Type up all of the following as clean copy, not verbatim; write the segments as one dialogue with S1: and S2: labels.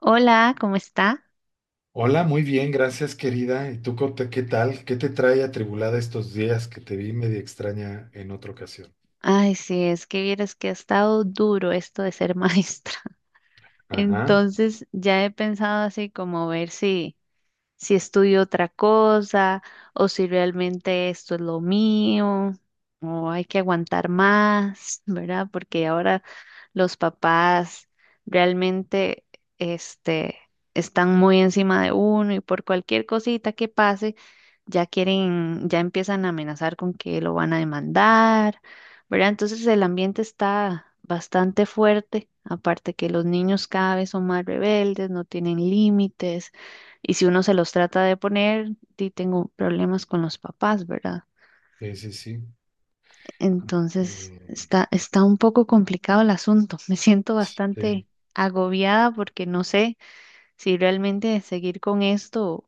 S1: Hola, ¿cómo está?
S2: Hola, muy bien, gracias querida. ¿Y tú qué tal? ¿Qué te trae atribulada estos días que te vi media extraña en otra ocasión?
S1: Ay, sí, es que vieras que ha estado duro esto de ser maestra.
S2: Ajá,
S1: Entonces ya he pensado así como ver si, si estudio otra cosa o si realmente esto es lo mío o hay que aguantar más, ¿verdad? Porque ahora los papás realmente este, están muy encima de uno y por cualquier cosita que pase ya quieren, ya empiezan a amenazar con que lo van a demandar, ¿verdad? Entonces el ambiente está bastante fuerte, aparte que los niños cada vez son más rebeldes, no tienen límites, y si uno se los trata de poner, sí tengo problemas con los papás, ¿verdad?
S2: sí, sí, sí.
S1: Entonces
S2: Mm,
S1: está un poco complicado el asunto, me siento
S2: sí.
S1: bastante agobiada porque no sé si realmente seguir con esto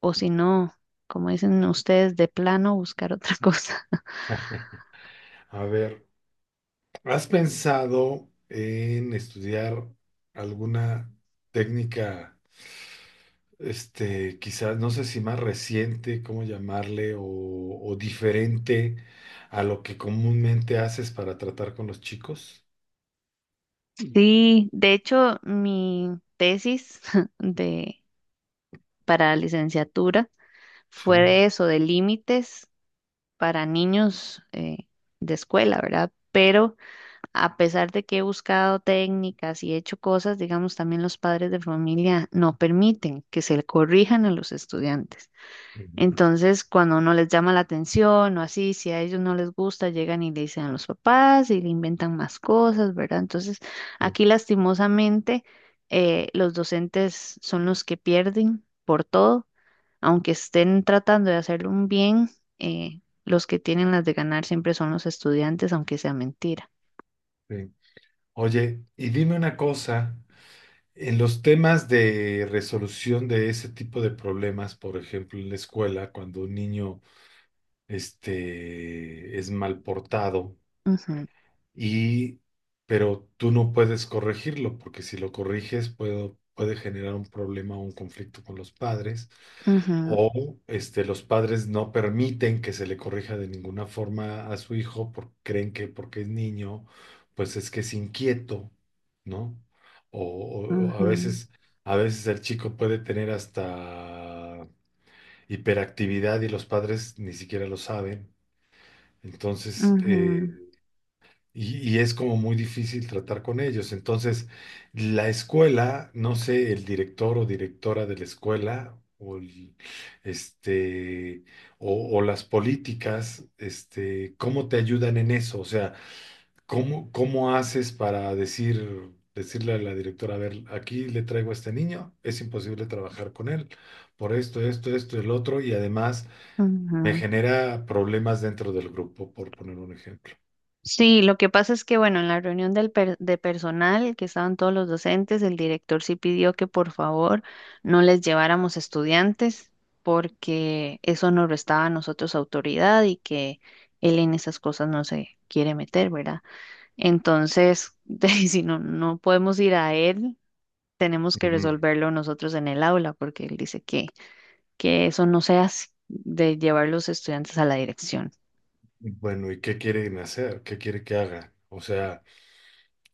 S1: o si no, como dicen ustedes, de plano buscar otra cosa.
S2: A ver, ¿has pensado en estudiar alguna técnica, quizás, no sé si más reciente, cómo llamarle, o diferente a lo que comúnmente haces para tratar con los chicos?
S1: Sí, de hecho, mi tesis de para licenciatura
S2: Sí.
S1: fue de eso, de límites para niños de escuela, ¿verdad? Pero a pesar de que he buscado técnicas y he hecho cosas, digamos, también los padres de familia no permiten que se le corrijan a los estudiantes.
S2: Ujú,
S1: Entonces, cuando no les llama la atención o así, si a ellos no les gusta, llegan y le dicen a los papás y le inventan más cosas, ¿verdad? Entonces,
S2: sí.
S1: aquí lastimosamente, los docentes son los que pierden por todo, aunque estén tratando de hacer un bien, los que tienen las de ganar siempre son los estudiantes, aunque sea mentira.
S2: Sí. Oye, y dime una cosa, en los temas de resolución de ese tipo de problemas, por ejemplo, en la escuela, cuando un niño es mal portado, y, pero tú no puedes corregirlo, porque si lo corriges puede generar un problema o un conflicto con los padres,
S1: Ujú,
S2: o este, los padres no permiten que se le corrija de ninguna forma a su hijo porque creen que porque es niño, pues es que es inquieto, ¿no? O,
S1: ujú,
S2: o
S1: ujú,
S2: a veces el chico puede tener hasta hiperactividad y los padres ni siquiera lo saben. Entonces,
S1: ujú,
S2: y es como muy difícil tratar con ellos. Entonces, la escuela, no sé, el director o directora de la escuela, este, o las políticas, este, ¿cómo te ayudan en eso? O sea, ¿cómo, cómo haces para decir, decirle a la directora, a ver, aquí le traigo a este niño, es imposible trabajar con él por esto, esto, esto, el otro, y además me
S1: ujú.
S2: genera problemas dentro del grupo, por poner un ejemplo.
S1: Sí, lo que pasa es que, bueno, en la reunión de personal, que estaban todos los docentes, el director sí pidió que por favor no les lleváramos estudiantes porque eso nos restaba a nosotros autoridad y que él en esas cosas no se quiere meter, ¿verdad? Entonces, si no, no podemos ir a él, tenemos que resolverlo nosotros en el aula porque él dice que eso no se hace de llevar los estudiantes a la dirección.
S2: Bueno, ¿y qué quieren hacer? ¿Qué quiere que haga? O sea,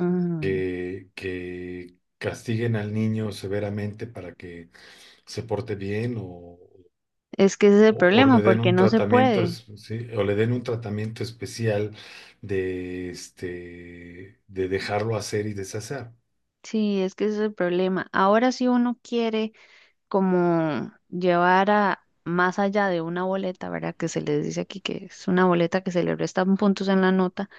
S1: Mm.
S2: que castiguen al niño severamente para que se porte bien o,
S1: Es que ese es el
S2: o
S1: problema,
S2: le den
S1: porque
S2: un
S1: no se
S2: tratamiento,
S1: puede.
S2: sí, o le den un tratamiento especial de este de dejarlo hacer y deshacer.
S1: Sí, es que ese es el problema. Ahora si uno quiere como llevar a más allá de una boleta, ¿verdad? Que se les dice aquí que es una boleta que se le restan puntos en la nota,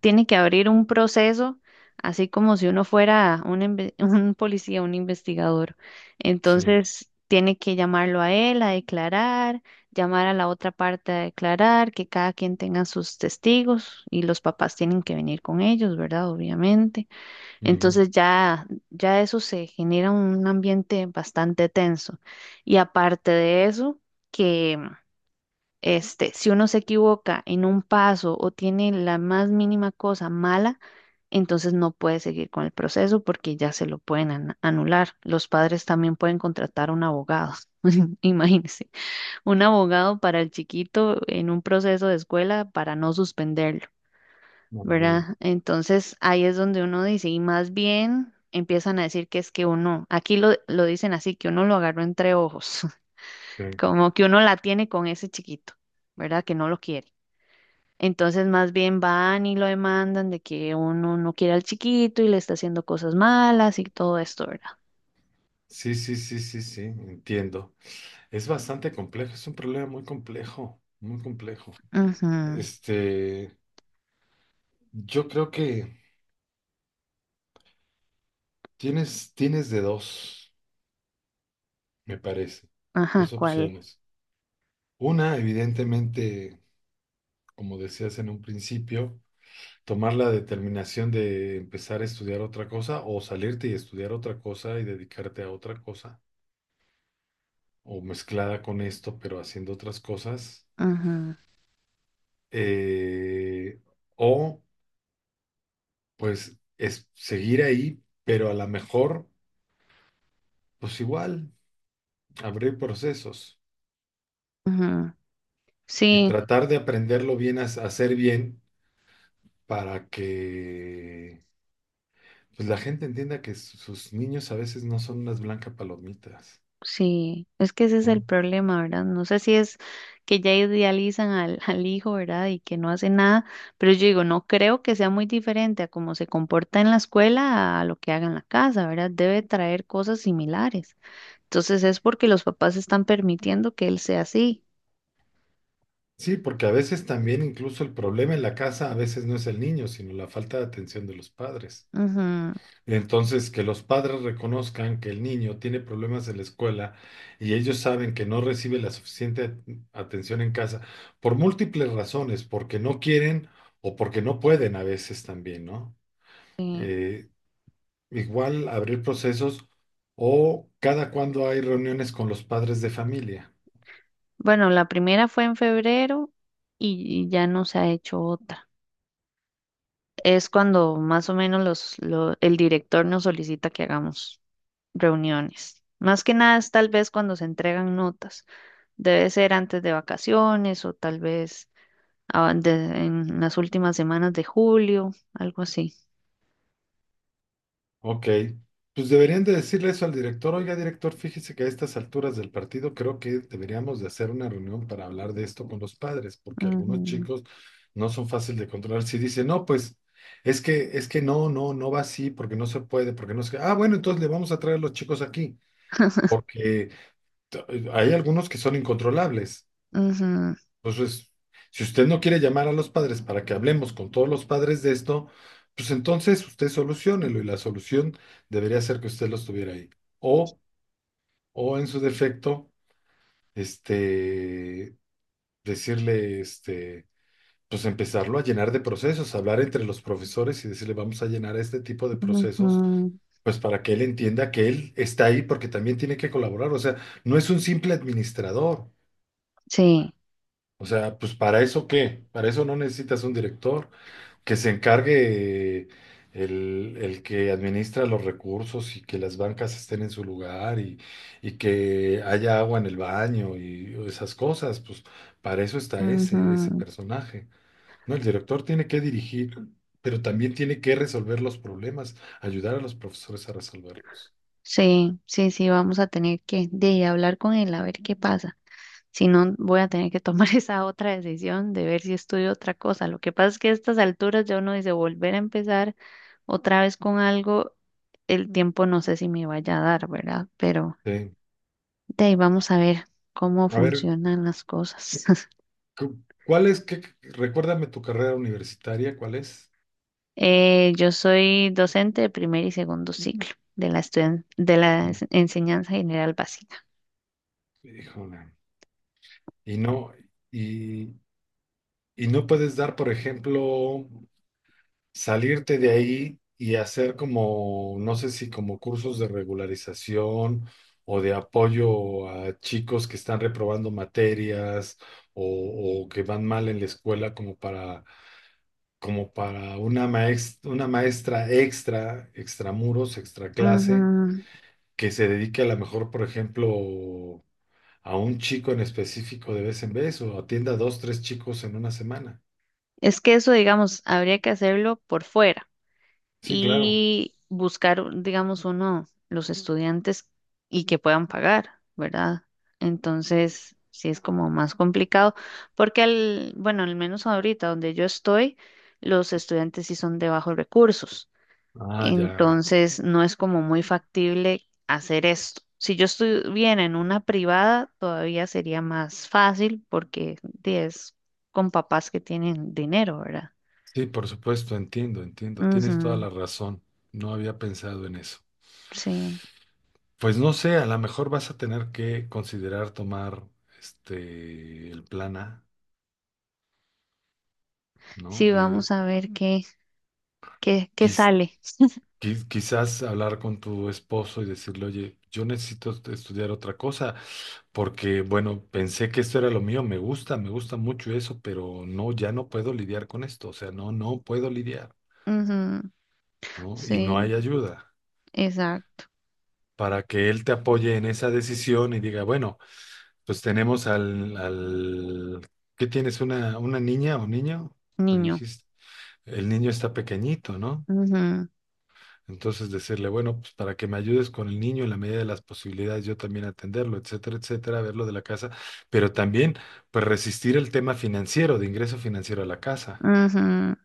S1: tiene que abrir un proceso, así como si uno fuera un policía, un investigador.
S2: Sí.
S1: Entonces, tiene que llamarlo a él a declarar, llamar a la otra parte a declarar, que cada quien tenga sus testigos y los papás tienen que venir con ellos, ¿verdad? Obviamente.
S2: Ujú,
S1: Entonces ya eso se genera un ambiente bastante tenso. Y aparte de eso, que si uno se equivoca en un paso o tiene la más mínima cosa mala, entonces no puede seguir con el proceso porque ya se lo pueden anular. Los padres también pueden contratar un abogado. Imagínense, un abogado para el chiquito en un proceso de escuela para no suspenderlo.
S2: ujú,
S1: ¿Verdad? Entonces ahí es donde uno dice, y más bien empiezan a decir que es que uno, aquí lo dicen así, que uno lo agarró entre ojos, como que uno la tiene con ese chiquito, ¿verdad? Que no lo quiere. Entonces más bien van y lo demandan de que uno no quiere al chiquito y le está haciendo cosas malas y todo esto, ¿verdad?
S2: sí, sí, sí, sí, sí, sí, entiendo. Es bastante complejo, es un problema muy complejo, muy complejo.
S1: Ujú,
S2: Este, yo creo que tienes, tienes de dos, me parece,
S1: ajá,
S2: dos
S1: ¿cuál?
S2: opciones. Una, evidentemente, como decías en un principio, tomar la determinación de empezar a estudiar otra cosa o salirte y estudiar otra cosa y dedicarte a otra cosa, o mezclada con esto, pero haciendo otras cosas.
S1: Ujú,
S2: Eh, o pues es seguir ahí, pero a lo mejor, pues igual, abrir procesos
S1: ujú.
S2: y
S1: Sí,
S2: tratar de aprenderlo bien, a hacer bien para que pues, la gente entienda que sus niños a veces no son unas blancas palomitas,
S1: sí, es que ese es el
S2: ¿no?
S1: problema, ¿verdad? No sé si es que ya idealizan al, al hijo, ¿verdad? Y que no hace nada, pero yo digo, no creo que sea muy diferente a cómo se comporta en la escuela a lo que haga en la casa, ¿verdad? Debe traer cosas similares. Entonces es porque los papás están permitiendo que él sea así.
S2: Sí, porque a veces también incluso el problema en la casa a veces no es el niño, sino la falta de atención de los padres.
S1: Ujú,
S2: Entonces, que los padres reconozcan que el niño tiene problemas en la escuela y ellos saben que no recibe la suficiente atención en casa por múltiples razones, porque no quieren o porque no pueden a veces también, ¿no?
S1: sí.
S2: Eh, igual abrir procesos o cada cuando hay reuniones con los padres de familia.
S1: Bueno, la primera fue en febrero y ya no se ha hecho otra. Es cuando más o menos el director nos solicita que hagamos. Reuniones. Más que nada es tal vez cuando se entregan notas. Debe ser antes de vacaciones o tal vez ah, de- en las últimas semanas de julio, algo así.
S2: Ok, pues deberían de decirle eso al director. Oiga, director, fíjese que a estas alturas del partido creo que deberíamos de hacer una reunión para hablar de esto con los padres, porque algunos
S1: Ujú,
S2: chicos no son fáciles de controlar. Si dicen, no, pues es que no, no, no va así, porque no se puede, porque no se... Ah, bueno, entonces le vamos a traer a los chicos aquí, que t- hay algunos que son incontrolables.
S1: ujú,
S2: Entonces, si usted no quiere llamar a los padres para que hablemos con todos los padres de esto, pues entonces usted soluciónelo y la solución debería ser que usted los tuviera ahí. O, o en su defecto, este, decirle, este, pues empezarlo a llenar de procesos, hablar entre los profesores y decirle, vamos a llenar este tipo de procesos,
S1: ujú.
S2: pues para que él entienda que él está ahí porque también tiene que colaborar. O sea, no es un simple administrador.
S1: Sí,
S2: O sea, pues para eso qué, para eso no necesitas un director. Que se encargue el que administra los recursos y que las bancas estén en su lugar y que haya agua en el baño y esas cosas, pues para eso está ese, ese
S1: ujú.
S2: personaje. No, el director tiene que dirigir, pero también tiene que resolver los problemas, ayudar a los profesores a resolverlos.
S1: Sí, sí, sí, vamos a tener que hablar con él a ver qué pasa. Si no, voy a tener que tomar esa otra decisión de ver si estudio otra cosa. Lo que pasa es que a estas alturas ya uno dice volver a empezar otra vez con algo, el tiempo no sé si me vaya a dar, ¿verdad? Pero
S2: Sí.
S1: de ahí vamos a ver cómo
S2: A ver,
S1: funcionan las cosas.
S2: ¿cuál es, qué, recuérdame tu carrera universitaria, ¿cuál es?
S1: Yo soy docente de primer y segundo ciclo de la estudian- de la
S2: Mm,
S1: ens- enseñanza general básica.
S2: híjole. Y no, y Y no puedes dar, por ejemplo, salirte de ahí y hacer como, no sé si como cursos de regularización o de apoyo a chicos que están reprobando materias o que van mal en la escuela como para, como para una una maestra extra, extramuros, extra clase,
S1: Ujú.
S2: que se dedique a lo mejor, por ejemplo, a un chico en específico de vez en vez o atienda a dos, tres chicos en una semana.
S1: Es que eso, digamos, habría que hacerlo por fuera.
S2: Sí, claro.
S1: Y buscar, digamos, uno, los estudiantes y que puedan pagar, ¿verdad? Entonces, sí es como más complicado, porque al, bueno, al menos ahorita donde yo estoy, los estudiantes sí son de bajos recursos,
S2: Ah, ya.
S1: entonces no es como muy factible hacer esto. Si yo estuviera en una privada, todavía sería más fácil porque di, es con papás que tienen dinero, ¿verdad?
S2: Sí, por supuesto, entiendo, entiendo. Tienes toda
S1: Ujú,
S2: la razón. No había pensado en eso.
S1: sí.
S2: Pues no sé, a lo mejor vas a tener que considerar tomar este el plan A, ¿no?
S1: Sí,
S2: De
S1: vamos a ver qué
S2: quiz-
S1: sale.
S2: quizás hablar con tu esposo y decirle, oye, yo necesito estudiar otra cosa, porque bueno, pensé que esto era lo mío, me gusta mucho eso, pero no, ya no puedo lidiar con esto, o sea, no, no puedo lidiar,
S1: Ujú,
S2: ¿no? Y no
S1: sí,
S2: hay ayuda.
S1: exacto.
S2: Para que él te apoye en esa decisión y diga, bueno, pues tenemos al... ¿Qué tienes? Una niña o niño? Me
S1: Niño.
S2: dijiste, el niño está pequeñito, ¿no?
S1: Ujú,
S2: Entonces decirle, bueno, pues para que me ayudes con el niño en la medida de las posibilidades, yo también atenderlo, etcétera, etcétera, verlo de la casa, pero también, pues resistir el tema financiero, de ingreso financiero a la casa,
S1: ujú.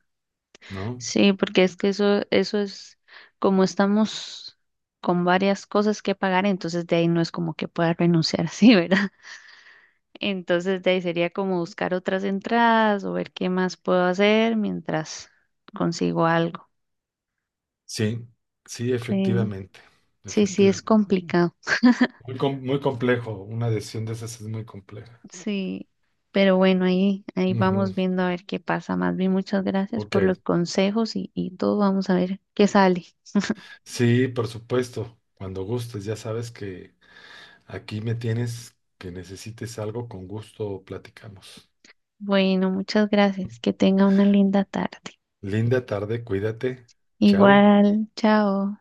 S2: ¿no?
S1: Sí, porque es que eso es como estamos con varias cosas que pagar, entonces de ahí no es como que pueda renunciar así, ¿verdad? Entonces de ahí sería como buscar otras entradas o ver qué más puedo hacer mientras consigo algo.
S2: Sí, sí,
S1: Sí,
S2: efectivamente,
S1: sí, sí, es
S2: efectivamente.
S1: complicado.
S2: Muy, muy complejo, una decisión de esas es muy compleja.
S1: Sí, pero bueno, ahí
S2: Ujú,
S1: vamos viendo a ver qué pasa. Más bien, muchas gracias
S2: ok,
S1: por los consejos y todo. Vamos a ver qué sale.
S2: sí, por supuesto. Cuando gustes, ya sabes que aquí me tienes, que necesites algo, con gusto platicamos.
S1: Bueno, muchas gracias. Que tenga una linda tarde.
S2: Linda tarde, cuídate. Chao.
S1: Igual, chao.